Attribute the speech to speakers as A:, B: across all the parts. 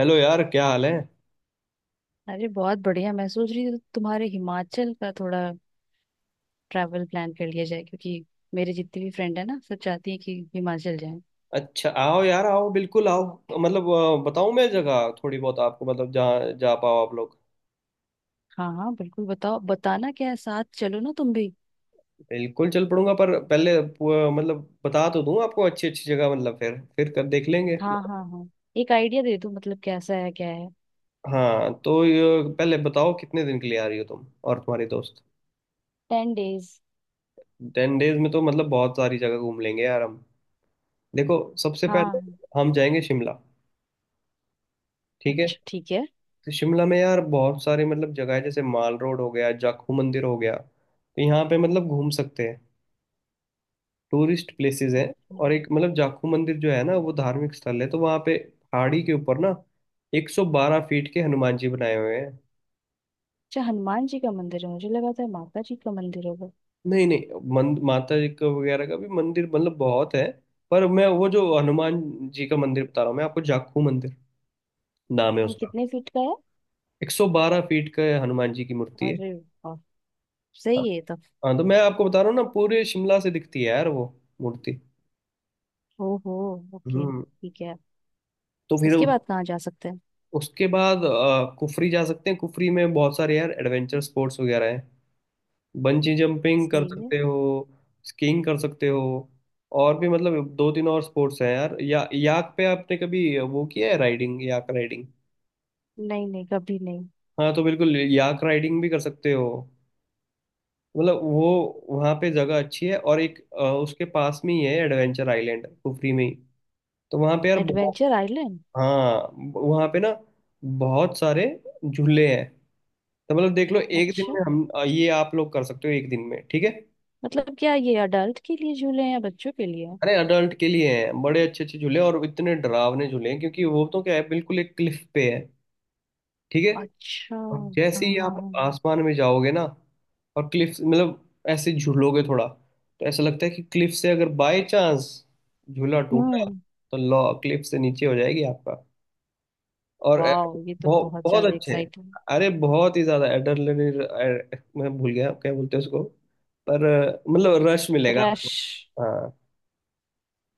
A: Hello यार, क्या हाल है।
B: अरे बहुत बढ़िया। मैं सोच रही थी तुम्हारे हिमाचल का थोड़ा ट्रैवल प्लान कर लिया जाए, क्योंकि मेरे जितनी भी फ्रेंड है ना, सब चाहती है कि हिमाचल जाएं।
A: अच्छा आओ यार, आओ, बिल्कुल आओ। मतलब बताऊं, मैं जगह थोड़ी बहुत आपको मतलब जहाँ जा पाओ आप लोग।
B: हाँ हाँ, बिल्कुल बताओ। बताना क्या है, साथ चलो ना तुम भी।
A: बिल्कुल चल पड़ूंगा, पर पहले मतलब बता तो दूं आपको अच्छी अच्छी जगह, मतलब फिर कर देख लेंगे।
B: हाँ हाँ हाँ, एक आइडिया दे दो। मतलब कैसा है, क्या है।
A: हाँ तो ये, पहले बताओ कितने दिन के लिए आ रही हो तुम और तुम्हारे दोस्त।
B: Ten days.
A: टेन डेज में तो मतलब बहुत सारी जगह घूम लेंगे यार हम। देखो, सबसे
B: हाँ
A: पहले
B: हाँ,
A: हम जाएंगे शिमला, ठीक है।
B: अच्छा ठीक है।
A: तो शिमला में यार बहुत सारे मतलब जगह है, जैसे माल रोड हो गया, जाखू मंदिर हो गया, तो यहाँ पे मतलब घूम सकते हैं। टूरिस्ट प्लेसेस हैं। और एक मतलब जाखू मंदिर जो है ना, वो धार्मिक स्थल है, तो वहाँ पे पहाड़ी के ऊपर ना 112 फीट के हनुमान जी बनाए हुए हैं।
B: अच्छा, हनुमान जी का मंदिर है। मुझे लगा था माता जी का मंदिर होगा।
A: नहीं नहीं, माता जी का वगैरह का भी मंदिर मतलब बहुत है, पर मैं वो जो हनुमान जी का मंदिर बता रहा हूँ मैं आपको, जाखू मंदिर नाम है
B: हम,
A: उसका।
B: कितने फीट का है?
A: 112 फीट का हनुमान जी की मूर्ति है।
B: अरे वाह, सही है तब।
A: हाँ तो मैं आपको बता रहा हूँ ना, पूरे शिमला से दिखती है यार वो मूर्ति।
B: ओहो, ओके
A: हम्म।
B: ठीक है।
A: तो फिर
B: उसके बाद कहाँ जा सकते हैं?
A: उसके बाद कुफरी जा सकते हैं। कुफरी में बहुत सारे यार एडवेंचर स्पोर्ट्स वगैरह हैं। बंजी जंपिंग कर
B: सही है।
A: सकते हो, स्कीइंग कर सकते हो, और भी मतलब दो तीन और स्पोर्ट्स हैं यार। या याक पे आपने कभी वो किया है, राइडिंग, याक राइडिंग।
B: नहीं नहीं, कभी नहीं।
A: हाँ तो बिल्कुल याक राइडिंग भी कर सकते हो। मतलब वो वहाँ पे जगह अच्छी है। और एक उसके पास में ही है एडवेंचर आइलैंड, कुफरी में ही। तो वहाँ पे यार बहुत।
B: Adventure island?
A: हाँ, वहाँ पे ना बहुत सारे झूले हैं। तो मतलब देख लो, एक दिन
B: अच्छा,
A: में हम ये आप लोग कर सकते हो एक दिन में, ठीक है।
B: मतलब क्या ये अडल्ट के लिए झूले हैं या बच्चों के लिए?
A: अरे अडल्ट के लिए हैं, बड़े अच्छे अच्छे झूले। और इतने डरावने झूले हैं, क्योंकि वो तो क्या है, बिल्कुल एक क्लिफ पे है, ठीक है।
B: अच्छा
A: और
B: हाँ
A: जैसे ही
B: हाँ
A: आप
B: हाँ।
A: आसमान में जाओगे ना, और क्लिफ मतलब ऐसे झूलोगे थोड़ा, तो ऐसा लगता है कि क्लिफ से अगर बाय चांस झूला टूटा,
B: हम्म।
A: तो लॉ क्लिफ से नीचे हो जाएगी आपका। और
B: वाह, ये तो
A: बहुत
B: बहुत
A: बहुत
B: ज्यादा
A: अच्छे हैं।
B: एक्साइटिंग।
A: अरे बहुत ही ज्यादा एड्रेनलिन, मैं भूल गया क्या बोलते हैं उसको, पर मतलब रश मिलेगा आपको।
B: रश।
A: हाँ।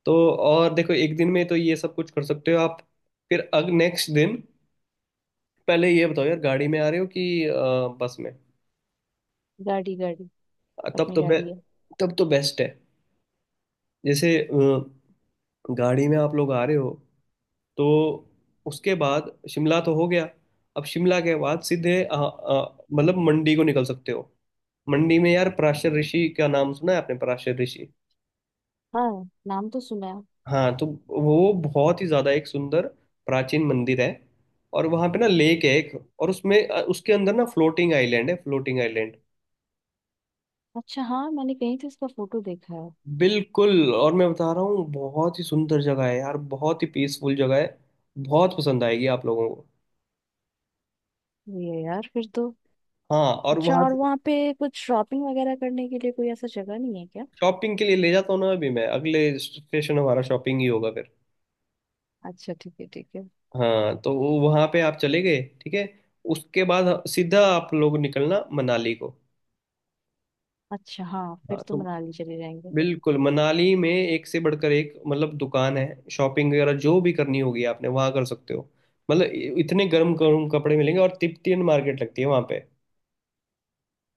A: तो और देखो, एक दिन में तो ये सब कुछ कर सकते हो आप। फिर अग नेक्स्ट दिन, पहले ये बताओ यार, गाड़ी में आ रहे हो कि बस में।
B: गाड़ी गाड़ी,
A: तब
B: अपनी
A: तो बे,
B: गाड़ी है।
A: तब तो बेस्ट है। जैसे गाड़ी में आप लोग आ रहे हो, तो उसके बाद शिमला तो हो गया। अब शिमला के बाद सीधे मतलब मंडी को निकल सकते हो। मंडी में यार पराशर ऋषि का नाम सुना है आपने, पराशर ऋषि।
B: हाँ, नाम तो सुना है।
A: हाँ तो वो बहुत ही ज्यादा एक सुंदर प्राचीन मंदिर है। और वहां पे ना लेक है एक, और उसमें उसके अंदर ना फ्लोटिंग आइलैंड है, फ्लोटिंग आइलैंड।
B: अच्छा हाँ, मैंने कहीं तो इसका फोटो देखा है।
A: बिल्कुल, और मैं बता रहा हूँ बहुत ही सुंदर जगह है यार, बहुत ही पीसफुल जगह है। बहुत पसंद आएगी आप लोगों को।
B: ये यार फिर तो।
A: हाँ, और
B: अच्छा,
A: वहां
B: और
A: से।
B: वहाँ पे कुछ शॉपिंग वगैरह करने के लिए कोई ऐसा जगह नहीं है क्या?
A: शॉपिंग के लिए ले जाता हूँ ना अभी मैं, अगले स्टेशन हमारा शॉपिंग ही होगा फिर।
B: अच्छा ठीक है ठीक है।
A: हाँ तो वो वहां पे आप चले गए, ठीक है। उसके बाद सीधा आप लोग निकलना मनाली को।
B: अच्छा हाँ, फिर
A: हाँ
B: तो
A: तो
B: मनाली चले जाएंगे।
A: बिल्कुल, मनाली में एक से बढ़कर एक मतलब दुकान है। शॉपिंग वगैरह जो भी करनी होगी आपने, वहां कर सकते हो। मतलब इतने गर्म गर्म कपड़े मिलेंगे, और तिब्बतियन मार्केट लगती है वहां पे।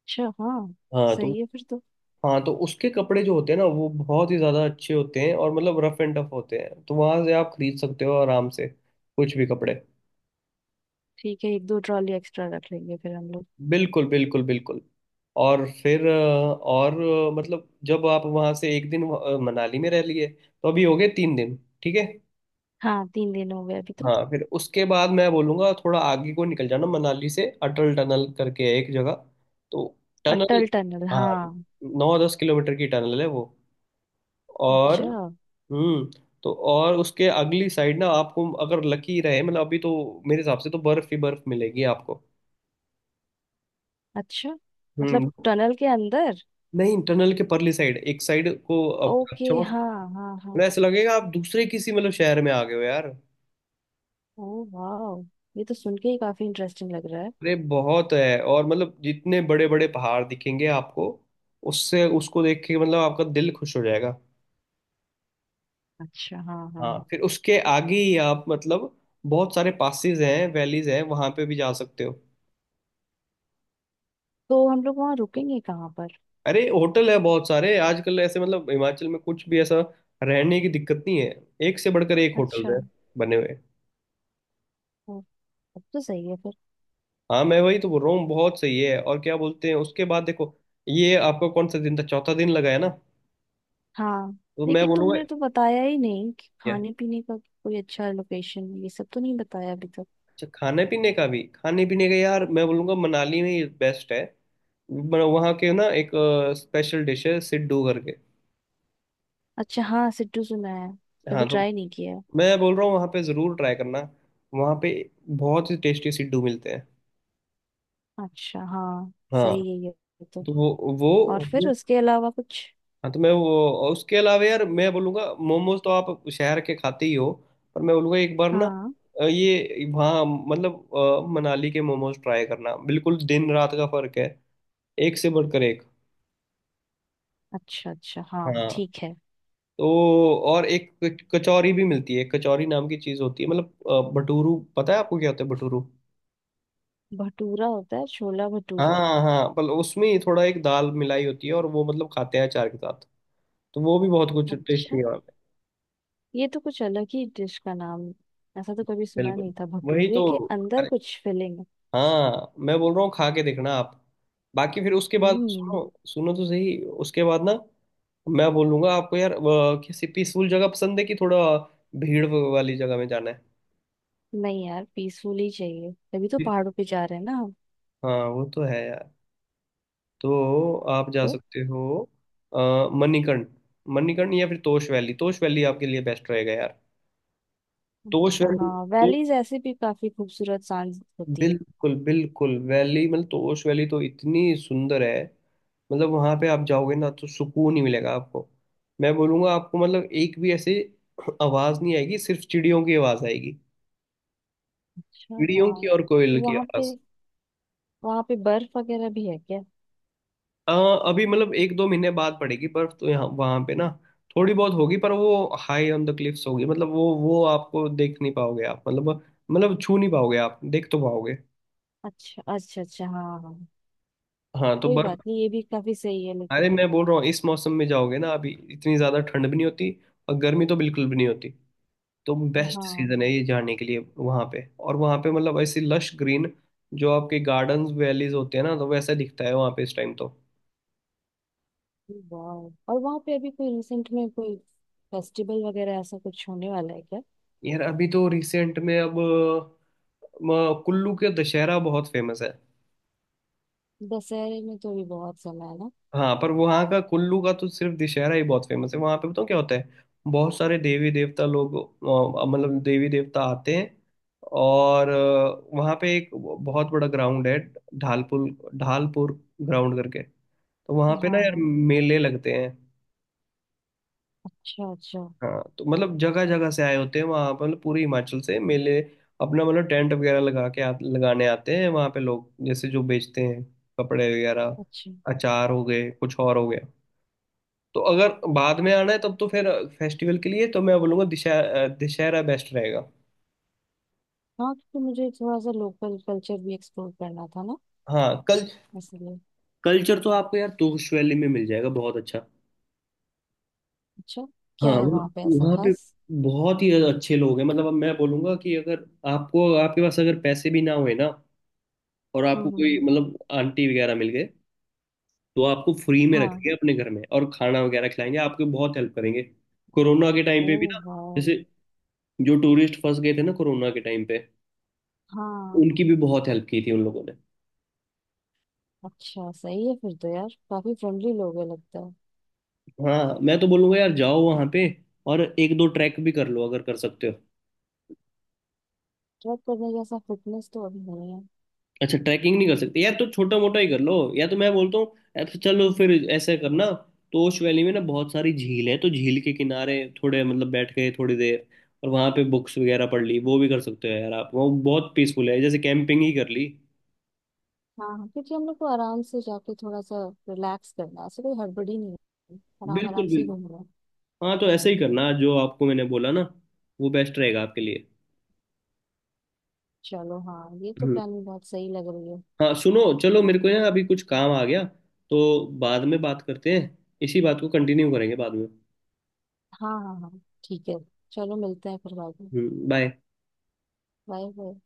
B: अच्छा हाँ,
A: हाँ तो।
B: सही है फिर तो।
A: हाँ तो उसके कपड़े जो होते हैं ना, वो बहुत ही ज्यादा अच्छे होते हैं, और मतलब रफ एंड टफ होते हैं, तो वहां से आप खरीद सकते हो आराम से कुछ भी कपड़े।
B: ठीक है, एक दो ट्रॉली एक्स्ट्रा रख लेंगे फिर हम लोग।
A: बिल्कुल बिल्कुल बिल्कुल। और फिर और मतलब जब आप वहां से एक दिन मनाली में रह लिए, तो अभी हो गए 3 दिन, ठीक है।
B: हाँ, तीन दिन हो गए अभी तो।
A: हाँ फिर उसके बाद मैं बोलूँगा थोड़ा आगे को निकल जाना। मनाली से अटल टनल करके है एक जगह, तो टनल।
B: अटल टनल,
A: हाँ,
B: हाँ।
A: 9-10 किलोमीटर की टनल है वो। और।
B: अच्छा।
A: हम्म। तो और उसके अगली साइड ना, आपको अगर लकी रहे, मतलब अभी तो मेरे हिसाब से तो बर्फ ही बर्फ मिलेगी आपको।
B: अच्छा, मतलब
A: हम्म।
B: टनल के अंदर?
A: नहीं, टनल के परली साइड, एक साइड को आप
B: ओके,
A: अच्छा मौसम,
B: हाँ हाँ
A: मतलब
B: हाँ।
A: ऐसा लगेगा आप दूसरे किसी मतलब शहर में आ गए हो यार।
B: ओ वाह, ये तो सुन के ही काफी इंटरेस्टिंग लग रहा है।
A: अरे बहुत है। और मतलब जितने बड़े बड़े पहाड़ दिखेंगे आपको, उससे उसको देख के मतलब आपका दिल खुश हो जाएगा।
B: अच्छा हाँ हाँ
A: हाँ
B: हाँ।
A: फिर उसके आगे ही आप मतलब बहुत सारे पासेस हैं, वैलीज हैं, वहां पे भी जा सकते हो।
B: तो हम लोग वहाँ रुकेंगे कहाँ पर?
A: अरे होटल है बहुत सारे आजकल, ऐसे मतलब हिमाचल में कुछ भी ऐसा रहने की दिक्कत नहीं है। एक से बढ़कर एक होटल
B: अच्छा।
A: है बने हुए।
B: ओ, अब तो सही है फिर।
A: हाँ मैं वही तो बोल रहा हूँ, बहुत सही है। और क्या बोलते हैं, उसके बाद देखो, ये आपका कौन सा दिन था, चौथा दिन लगा है ना।
B: हाँ,
A: तो मैं
B: लेकिन
A: बोलूंगा,
B: तुमने तो बताया ही नहीं कि खाने पीने का कोई अच्छा लोकेशन, ये सब तो नहीं बताया अभी तक।
A: अच्छा खाने पीने का भी, खाने पीने का यार मैं बोलूँगा मनाली में ये बेस्ट है। वहाँ के ना एक स्पेशल डिश है, सिड्डू करके।
B: अच्छा हाँ, सिड्डू सुना है, कभी
A: हाँ तो
B: ट्राई नहीं किया।
A: मैं बोल रहा हूँ, वहाँ पे ज़रूर ट्राई करना, वहाँ पे बहुत ही टेस्टी सिड्डू मिलते हैं।
B: अच्छा हाँ,
A: हाँ
B: सही है ये तो।
A: तो वो
B: और फिर
A: वो
B: उसके अलावा कुछ?
A: हाँ तो मैं वो। और उसके अलावा यार मैं बोलूँगा, मोमोज तो आप शहर के खाते ही हो, पर मैं बोलूँगा एक बार ना
B: हाँ।
A: ये वहाँ मतलब मनाली के मोमोज ट्राई करना, बिल्कुल दिन रात का फर्क है, एक से बढ़कर एक।
B: अच्छा अच्छा हाँ,
A: हाँ
B: ठीक है।
A: तो और एक कचौरी भी मिलती है। कचौरी नाम की चीज होती है, मतलब भटूरू, पता है आपको क्या होता है भटूरू।
B: भटूरा होता है, छोला भटूरा।
A: हाँ हाँ मतलब उसमें ही थोड़ा एक दाल मिलाई होती है, और वो मतलब खाते हैं अचार के साथ। तो वो भी बहुत कुछ टेस्टी
B: अच्छा,
A: है वहाँ पे।
B: ये तो कुछ अलग ही डिश का नाम। ऐसा तो कभी सुना
A: बिल्कुल
B: नहीं था,
A: वही
B: भटूरे
A: तो।
B: के अंदर
A: अरे
B: कुछ फिलिंग।
A: हाँ मैं बोल रहा हूँ, खा के देखना आप। बाकी फिर उसके बाद सुनो,
B: हम्म।
A: सुनो तो सही। उसके बाद ना, मैं बोलूंगा आपको यार, किसी पीसफुल जगह पसंद है कि थोड़ा भीड़ वाली जगह में जाना है।
B: नहीं यार, पीसफुल ही चाहिए, तभी तो पहाड़ों पे जा रहे हैं ना हम।
A: हाँ वो तो है यार। तो आप जा
B: तो।
A: सकते हो अ, मणिकर्ण। मणिकर्ण या फिर तोश वैली, तोश वैली आपके लिए बेस्ट रहेगा यार, तोश
B: अच्छा
A: वैली।
B: हाँ,
A: तो
B: वैलीज ऐसे भी काफी खूबसूरत सांझ होती है।
A: बिल्कुल बिल्कुल, वैली मतलब तोश वैली तो इतनी सुंदर है, मतलब वहां पे आप जाओगे ना तो सुकून ही मिलेगा आपको। मैं बोलूंगा आपको, मतलब एक भी ऐसे आवाज नहीं आएगी, सिर्फ चिड़ियों की आवाज आएगी।
B: अच्छा
A: चिड़ियों की
B: हाँ।
A: और कोयल की
B: वहाँ पे,
A: आवाज।
B: वहाँ पे बर्फ वगैरह भी है क्या?
A: अ, अभी मतलब एक दो महीने बाद पड़ेगी बर्फ, तो यहाँ वहां पे ना थोड़ी बहुत होगी, पर वो हाई ऑन द क्लिफ्स होगी। मतलब वो आपको देख नहीं पाओगे आप, मतलब मतलब छू नहीं पाओगे आप, देख तो पाओगे।
B: अच्छा अच्छा अच्छा हाँ हाँ।
A: हाँ तो
B: कोई
A: बर्फ।
B: बात नहीं, ये भी काफी सही है
A: अरे
B: लेकिन।
A: मैं बोल रहा हूँ, इस मौसम में जाओगे ना, अभी इतनी ज्यादा ठंड भी नहीं होती, और गर्मी तो बिल्कुल भी नहीं होती। तो बेस्ट
B: हाँ।
A: सीजन है ये जाने के लिए वहां पे। और वहां पे मतलब ऐसी लश ग्रीन, जो आपके गार्डन्स वैलीज होते हैं ना, तो वैसा दिखता है वहां पे इस टाइम तो।
B: वाह, और वहां पे अभी कोई रिसेंट में कोई फेस्टिवल वगैरह ऐसा कुछ होने वाला है क्या?
A: यार अभी तो रिसेंट में, अब कुल्लू के दशहरा बहुत फेमस है।
B: दशहरे में तो अभी बहुत समय है ना।
A: हाँ पर वहाँ का कुल्लू का तो सिर्फ दशहरा ही बहुत फेमस है। वहाँ पे बताऊँ क्या होता है, बहुत सारे देवी देवता लोग मतलब देवी देवता आते हैं। और वहाँ पे एक बहुत बड़ा ग्राउंड है, ढालपुर, ढालपुर ग्राउंड करके। तो वहाँ पे ना
B: हाँ
A: यार
B: हाँ।
A: मेले लगते हैं।
B: अच्छा अच्छा।
A: हाँ तो मतलब जगह जगह से आए होते हैं वहाँ पर, मतलब पूरे हिमाचल से मेले। अपना मतलब टेंट वगैरह लगा के लगाने आते हैं वहाँ पे लोग, जैसे जो बेचते हैं कपड़े वगैरह,
B: अच्छा
A: अचार हो गए, कुछ और हो गया। तो अगर बाद में आना है तब तो फिर फेस्टिवल के लिए तो मैं बोलूँगा दशहरा दशहरा बेस्ट रहेगा।
B: हाँ, क्योंकि मुझे थोड़ा सा लोकल कल्चर भी एक्सप्लोर करना था ना,
A: हाँ कल
B: इसलिए।
A: कल्चर तो आपको यार तोश वैली में मिल जाएगा बहुत अच्छा।
B: अच्छा,
A: हाँ
B: क्या है वहाँ पे ऐसा
A: वहाँ पे
B: खास?
A: बहुत ही अच्छे लोग हैं। मतलब अब मैं बोलूंगा कि अगर आपको, आपके पास अगर पैसे भी ना हुए ना, और
B: हम्म
A: आपको
B: हम्म
A: कोई
B: हम्म,
A: मतलब आंटी वगैरह मिल गए, तो आपको फ्री में
B: हाँ।
A: रखेंगे अपने घर में, और खाना वगैरह खिलाएंगे आपको, बहुत हेल्प करेंगे। कोरोना के टाइम
B: ओ
A: पे भी ना,
B: वाह।
A: जैसे जो टूरिस्ट फंस गए थे ना कोरोना के टाइम पे,
B: हाँ।
A: उनकी भी बहुत हेल्प की थी उन लोगों ने।
B: अच्छा, सही है फिर तो यार, काफी फ्रेंडली लोग है लगता है।
A: हाँ मैं तो बोलूंगा यार जाओ वहां पे, और एक दो ट्रैक भी कर लो अगर कर सकते हो।
B: ट्रैक करने जैसा फिटनेस तो अभी नहीं है।
A: अच्छा ट्रैकिंग नहीं कर सकते यार, तो छोटा मोटा ही कर लो। या तो मैं बोलता हूँ, या तो चलो फिर ऐसा करना, तोश वैली में ना बहुत सारी झील है, तो झील के किनारे थोड़े मतलब बैठ गए थोड़ी देर, और वहां पे बुक्स वगैरह पढ़ ली, वो भी कर सकते हो यार आप। वो बहुत पीसफुल है, जैसे कैंपिंग ही कर ली।
B: हाँ हाँ, क्योंकि हम लोग को आराम से जाके थोड़ा सा रिलैक्स करना है। ऐसे कोई हड़बड़ी नहीं है, आराम
A: बिल्कुल
B: आराम से ही
A: बिल्कुल।
B: घूमना है।
A: हाँ तो ऐसे ही करना जो आपको मैंने बोला ना, वो बेस्ट रहेगा आपके लिए।
B: चलो हाँ, ये तो
A: हम्म।
B: प्लानिंग बहुत सही लग रही है।
A: हाँ सुनो चलो, मेरे को ना अभी कुछ काम आ गया, तो बाद में बात करते हैं, इसी बात को कंटिन्यू करेंगे बाद में।
B: हाँ हाँ हाँ, ठीक है। चलो मिलते हैं फिर बाद में।
A: हम्म, बाय।
B: Bye bye.